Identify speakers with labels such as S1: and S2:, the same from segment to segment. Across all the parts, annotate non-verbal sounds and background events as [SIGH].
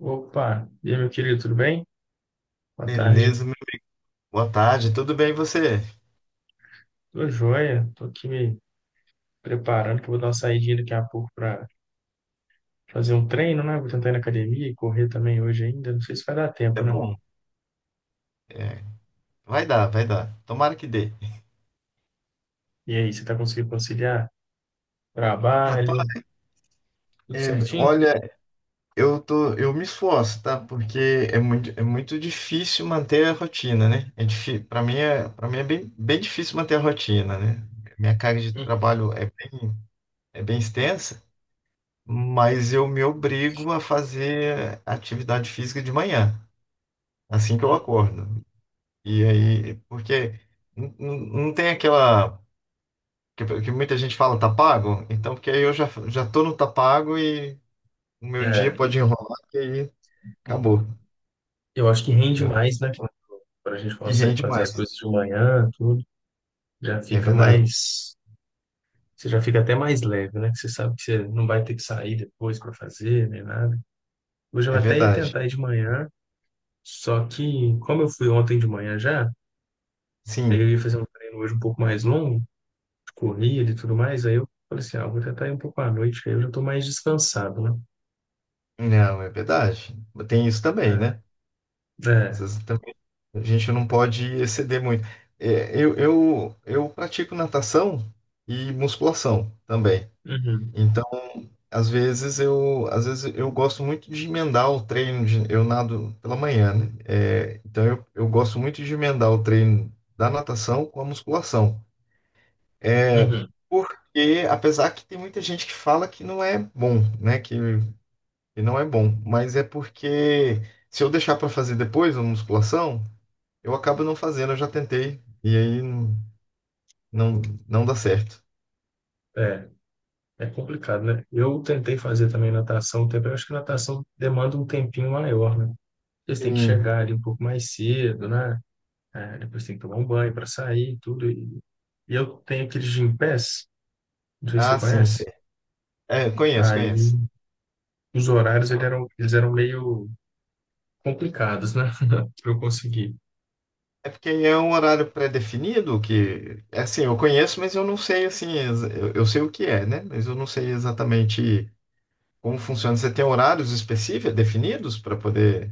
S1: Opa, e aí, meu querido, tudo bem? Boa tarde.
S2: Beleza, meu. Boa tarde, tudo bem e você?
S1: Tô joia, tô aqui me preparando, que eu vou dar uma saidinha daqui a pouco para fazer um treino, né? Vou tentar ir na academia e correr também hoje ainda. Não sei se vai dar
S2: É
S1: tempo, né?
S2: bom, é, vai dar, vai dar. Tomara que dê.
S1: E aí, você tá conseguindo conciliar trabalho,
S2: Rapaz,
S1: tudo certinho?
S2: olha, eu me esforço, tá? Porque é muito difícil manter a rotina, né? É difícil, para mim é bem, bem difícil manter a rotina, né? Minha carga de trabalho é bem extensa, mas eu me obrigo a fazer atividade física de manhã, assim que eu
S1: Uhum.
S2: acordo. E aí, porque não tem aquela que muita gente fala tá pago, então porque aí eu já tô no tá pago e o meu dia
S1: É,
S2: pode enrolar e aí acabou.
S1: eu acho que rende
S2: Eu,
S1: mais, né? Quando a gente
S2: e
S1: consegue
S2: rende
S1: fazer as
S2: mais.
S1: coisas de manhã, tudo, já
S2: É
S1: fica
S2: verdade,
S1: mais. Você já fica até mais leve, né? Que você sabe que você não vai ter que sair depois para fazer, nem nada. Hoje eu
S2: é
S1: até ia
S2: verdade.
S1: tentar ir de manhã. Só que, como eu fui ontem de manhã já, aí eu
S2: Sim,
S1: ia fazer um treino hoje um pouco mais longo, de corrida e tudo mais, aí eu falei assim, ah, eu vou tentar ir um pouco à noite, que aí eu já tô mais descansado, né?
S2: não, é verdade. Tem isso também, né?
S1: É,
S2: Às
S1: é,
S2: vezes também a gente não pode exceder muito. É, eu pratico natação e musculação também.
S1: uhum,
S2: Então às vezes eu gosto muito de emendar o treino, eu nado pela manhã, né? É, então eu gosto muito de emendar o treino da natação com a musculação. É,
S1: uhum,
S2: porque apesar que tem muita gente que fala que não é bom, né? Que não é bom, mas é porque se eu deixar para fazer depois a musculação, eu acabo não fazendo, eu já tentei e aí não, não dá certo.
S1: é, é complicado, né? Eu tentei fazer também natação, um tempo, eu acho que natação demanda um tempinho maior, né? Eles têm que
S2: Sim.
S1: chegar ali um pouco mais cedo, né? É, depois tem que tomar um banho para sair e tudo, e eu tenho aqueles Gympass, não sei se você
S2: Ah, sim, sim.
S1: conhece.
S2: É, conheço, conheço.
S1: Aí os horários eles eram meio complicados, né? [LAUGHS] Para eu conseguir.
S2: É porque é um horário pré-definido que, é assim, eu conheço, mas eu não sei, assim, eu sei o que é, né? Mas eu não sei exatamente como funciona. Você tem horários específicos, definidos para poder...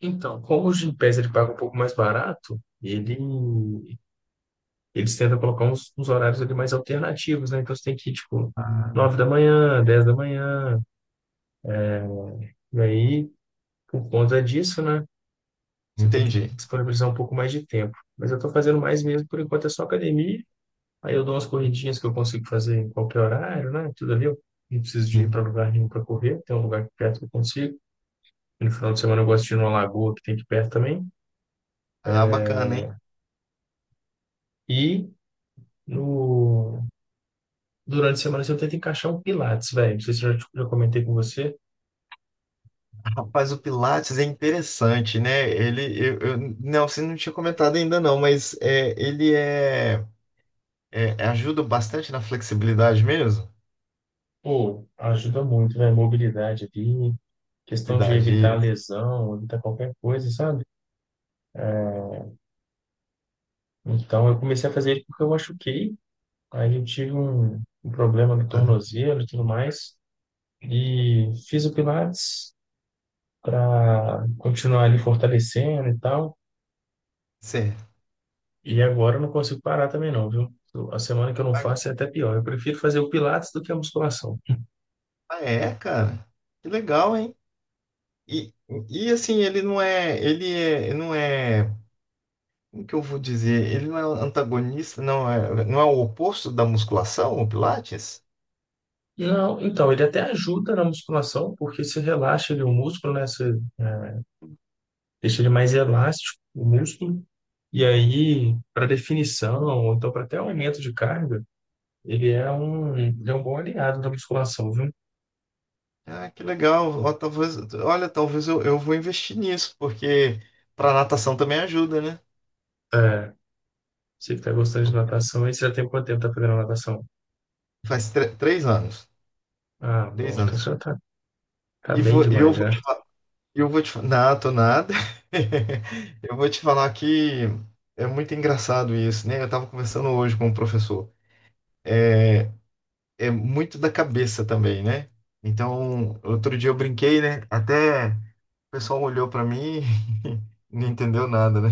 S1: Então, como o Gympass ele paga um pouco mais barato, eles tentam colocar uns, uns horários ali mais alternativos, né? Então você tem que ir, tipo,
S2: Ah,
S1: 9 da manhã, 10 da manhã, e aí, por conta disso, né? Você tem que
S2: entendi.
S1: disponibilizar um pouco mais de tempo. Mas eu tô fazendo mais mesmo, por enquanto é só academia, aí eu dou umas corridinhas que eu consigo fazer em qualquer horário, né? Tudo ali, eu não preciso de ir para lugar nenhum para correr, tem um lugar aqui perto que eu consigo. No final de semana eu gosto de ir numa lagoa que tem aqui perto também.
S2: Ah, bacana, hein?
S1: E No... Durante a semana, assim, eu tento encaixar um Pilates, velho. Não sei se eu já comentei com você.
S2: Rapaz, o Pilates é interessante, né? Não, você não tinha comentado ainda não, mas ajuda bastante na flexibilidade mesmo.
S1: Pô, ajuda muito, né? Mobilidade ali, questão de
S2: Flexibilidade,
S1: evitar
S2: isso,
S1: lesão, evitar qualquer coisa, sabe? Então, eu comecei a fazer ele porque eu machuquei. Aí eu tive um problema no
S2: tá?
S1: tornozelo e tudo mais. E fiz o Pilates para continuar ali fortalecendo e tal.
S2: Certo.
S1: E agora eu não consigo parar também não, viu? A semana que eu não faço é até pior. Eu prefiro fazer o Pilates do que a musculação.
S2: Ah, é, cara. Que legal, hein? E, e assim, ele não é, ele não é, como que eu vou dizer? Ele não é antagonista, não é, não é o oposto da musculação, o Pilates?
S1: Não, então, ele até ajuda na musculação, porque se relaxa ele, o músculo, né? Você deixa ele mais elástico, o músculo. E aí, para definição, ou então para até aumento de carga, ele é um bom aliado da musculação, viu?
S2: Ah, que legal. Ó, talvez, olha, talvez eu vou investir nisso, porque para natação também ajuda, né?
S1: É, você que tá gostando de natação, aí você já tem quanto tempo tá fazendo natação?
S2: Faz 3 anos,
S1: Ah, bom,
S2: três
S1: então
S2: anos.
S1: você já tá, tá
S2: E
S1: bem
S2: vou, e
S1: demais, né?
S2: eu vou te falar, nato nada. [LAUGHS] Eu vou te falar que é muito engraçado isso, né? Eu estava conversando hoje com um professor. É muito da cabeça também, né? Então, outro dia eu brinquei, né? Até o pessoal olhou pra mim e [LAUGHS] não entendeu nada, né?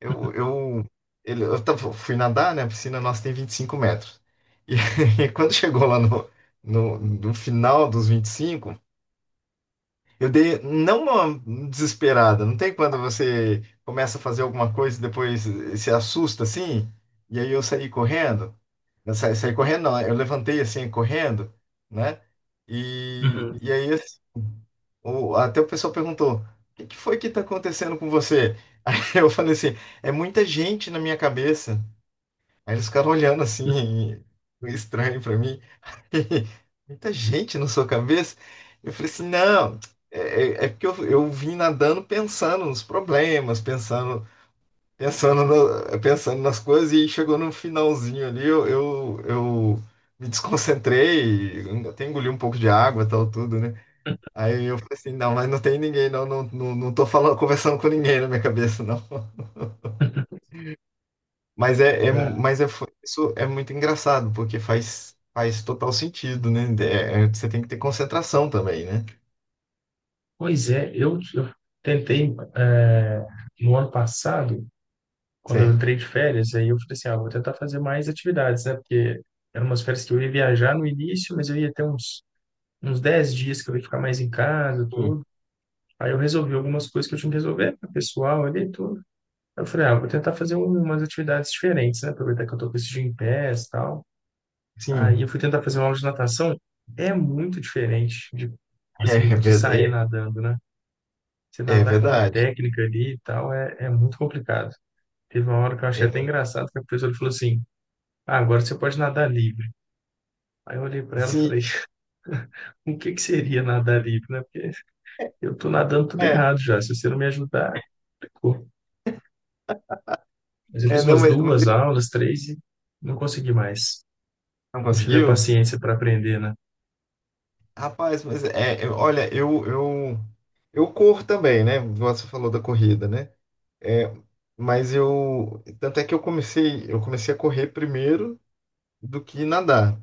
S2: Eu, ele, eu tava- fui nadar, né? A piscina nossa tem 25 metros. E, [LAUGHS] e quando chegou lá no final dos 25, eu dei não uma desesperada. Não tem quando você começa a fazer alguma coisa e depois se assusta assim? E aí eu saí correndo. Eu saí correndo, não. Eu levantei assim, correndo, né?
S1: Uhum.
S2: E aí assim, até o pessoal perguntou: o que que foi que tá acontecendo com você? [LAUGHS] Aí eu falei assim: é muita gente na minha cabeça. Aí eles ficaram olhando assim, [LAUGHS] meio estranho pra mim. [LAUGHS] Muita gente na sua cabeça? Eu falei assim: não, é, é porque eu vim nadando pensando nos problemas, pensando pensando, pensando nas coisas e chegou no finalzinho ali, eu me desconcentrei, até engoli um pouco de água e tal, tudo, né? Aí eu falei assim, não, mas não tem ninguém, não, não, não, não tô falando, conversando com ninguém na minha cabeça, não. [LAUGHS] Mas é, é-
S1: É,
S2: mas é, foi- isso é muito engraçado, porque faz total sentido, né? Você tem que ter concentração também, né?
S1: pois é, eu tentei, no ano passado, quando eu
S2: Certo.
S1: entrei de férias, aí eu falei assim, ah, vou tentar fazer mais atividades, né? Porque eram umas férias que eu ia viajar no início, mas eu ia ter uns 10 dias que eu ia ficar mais em casa,
S2: Sim,
S1: tudo. Aí eu resolvi algumas coisas que eu tinha que resolver, né, pessoal ali e tudo. Aí eu falei, ah, vou tentar fazer umas atividades diferentes, né? Aproveitar que eu tô com esse dia em pés e tal. Aí eu
S2: sim.
S1: fui tentar fazer uma aula de natação. É muito diferente de, tipo
S2: [LAUGHS] é,
S1: assim,
S2: é,
S1: de
S2: ver-
S1: sair
S2: é,
S1: nadando, né? Você
S2: é
S1: nadar com uma
S2: verdade.
S1: técnica ali e tal é muito complicado. Teve uma hora que eu achei
S2: É
S1: até
S2: ver-
S1: engraçado, que a professora falou assim, ah, agora você pode nadar livre. Aí eu olhei para ela e
S2: sim,
S1: falei, [LAUGHS] o que que seria nadar livre, né? Porque eu tô nadando tudo
S2: é,
S1: errado já. Se você não me ajudar, ficou. Mas eu fiz
S2: não,
S1: umas
S2: mas
S1: duas
S2: ele
S1: aulas, três e não consegui mais.
S2: não
S1: Não tive a
S2: conseguiu?
S1: paciência para aprender, né?
S2: Rapaz, mas olha, eu corro também, né? Você falou da corrida, né? É, mas tanto é que eu comecei a correr primeiro do que nadar.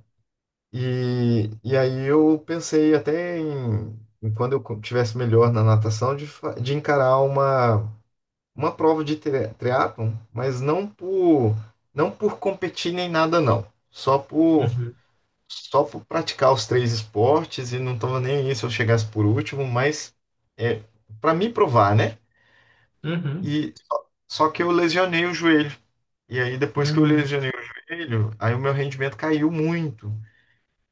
S2: E aí eu pensei até em quando eu tivesse melhor na natação, de encarar uma prova de triatlon, mas não por competir nem nada, não. Só por
S1: Uhum,
S2: só por praticar os três esportes e não estava nem aí se eu chegasse por último, mas é, para me provar, né?
S1: uhum,
S2: E só que eu lesionei o joelho. E aí depois que eu
S1: uhum.
S2: lesionei o joelho, aí o meu rendimento caiu muito.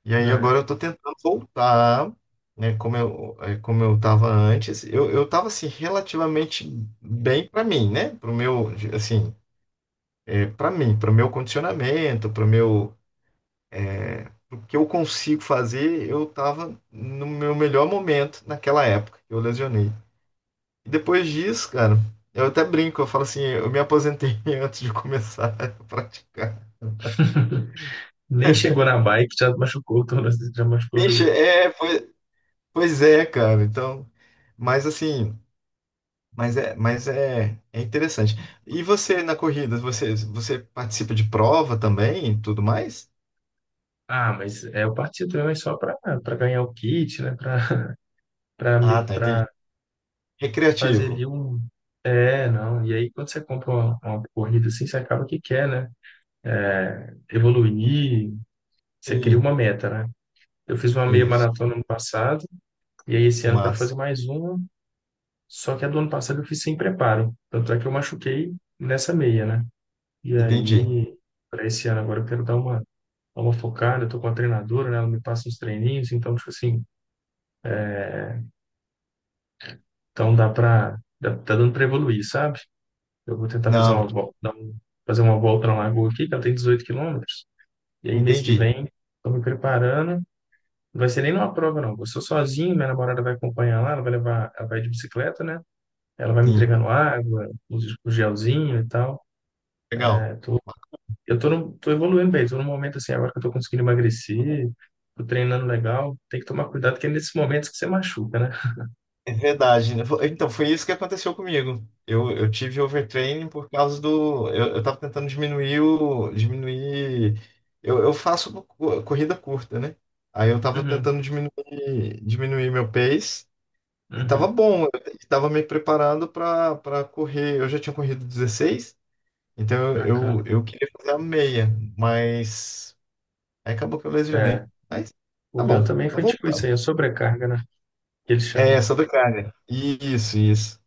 S2: E aí agora
S1: É.
S2: eu tô tentando voltar, né, como eu tava antes. Eu tava assim relativamente bem para mim, né? Pro meu, assim, para mim, para o meu condicionamento, para o meu o que eu consigo fazer, eu tava no meu melhor momento naquela época que eu lesionei. E depois disso, cara, eu até brinco, eu falo assim, eu me aposentei [LAUGHS] antes de começar a [LAUGHS] praticar.
S1: [LAUGHS] Nem chegou na bike, já machucou, o tórax, já machucou o
S2: Vixe,
S1: joelho.
S2: pois, pois é, cara. Então, mas assim, é interessante. E você na corrida, você participa de prova também, e tudo mais?
S1: Ah, mas é, eu parti do leão é só para ganhar o kit, né? Para
S2: Ah, tá, entendi.
S1: para [LAUGHS] fazer ali
S2: Recreativo.
S1: um, é, não. E aí, quando você compra uma corrida assim, você acaba que quer, né? Evoluir, você cria uma
S2: Sim,
S1: meta, né? Eu fiz uma meia
S2: isso.
S1: maratona ano passado, e aí esse ano eu quero
S2: Mas
S1: fazer mais uma, só que a do ano passado eu fiz sem preparo. Tanto é que eu machuquei nessa meia, né? E
S2: entendi.
S1: aí, para esse ano agora eu quero dar uma focada, eu tô com a treinadora, né? Ela me passa uns treininhos, então, tipo assim, então tá dando pra evoluir, sabe? Eu vou tentar fazer
S2: Não,
S1: uma, vol- dar um- fazer uma volta na Lagoa aqui, que ela tem 18 quilômetros. E aí, mês que
S2: entendi.
S1: vem, estou me preparando. Não vai ser nem numa prova, não. Eu sou sozinho, minha namorada vai acompanhar lá, ela vai levar, ela vai de bicicleta, né? Ela vai me
S2: Sim.
S1: entregando água, o gelzinho e tal.
S2: Legal.
S1: É, tô, eu tô, tô evoluindo bem, tô num momento assim, agora que eu tô conseguindo emagrecer, tô treinando legal. Tem que tomar cuidado, que é nesses momentos que você machuca, né?
S2: É verdade, né? Então, foi isso que aconteceu comigo. Eu tive overtraining por causa do. Eu tava tentando diminuir o. Diminuir. Eu faço corrida curta, né? Aí eu tava
S1: Uhum,
S2: tentando diminuir, diminuir meu pace. E tava
S1: uhum,
S2: bom. Eu tava me preparando para correr. Eu já tinha corrido 16, então eu,
S1: bacana.
S2: eu, eu queria fazer a meia, mas. Aí acabou que eu
S1: É,
S2: lesionei. Mas
S1: o
S2: tá bom,
S1: meu também
S2: tá
S1: foi tipo isso
S2: voltando.
S1: aí, a sobrecarga, né? Que eles
S2: É,
S1: chamam.
S2: sobre carne. Isso,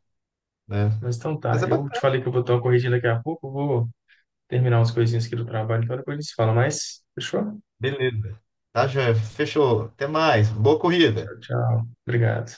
S2: né?
S1: Mas então
S2: Mas
S1: tá,
S2: é
S1: eu te
S2: bacana.
S1: falei que eu vou dar uma corridinha daqui a pouco, eu vou terminar umas coisinhas aqui do trabalho, então depois a gente se fala mais. Fechou?
S2: Beleza. Tá, joia? Fechou. Até mais. Boa
S1: Tchau,
S2: corrida.
S1: tchau. Obrigado.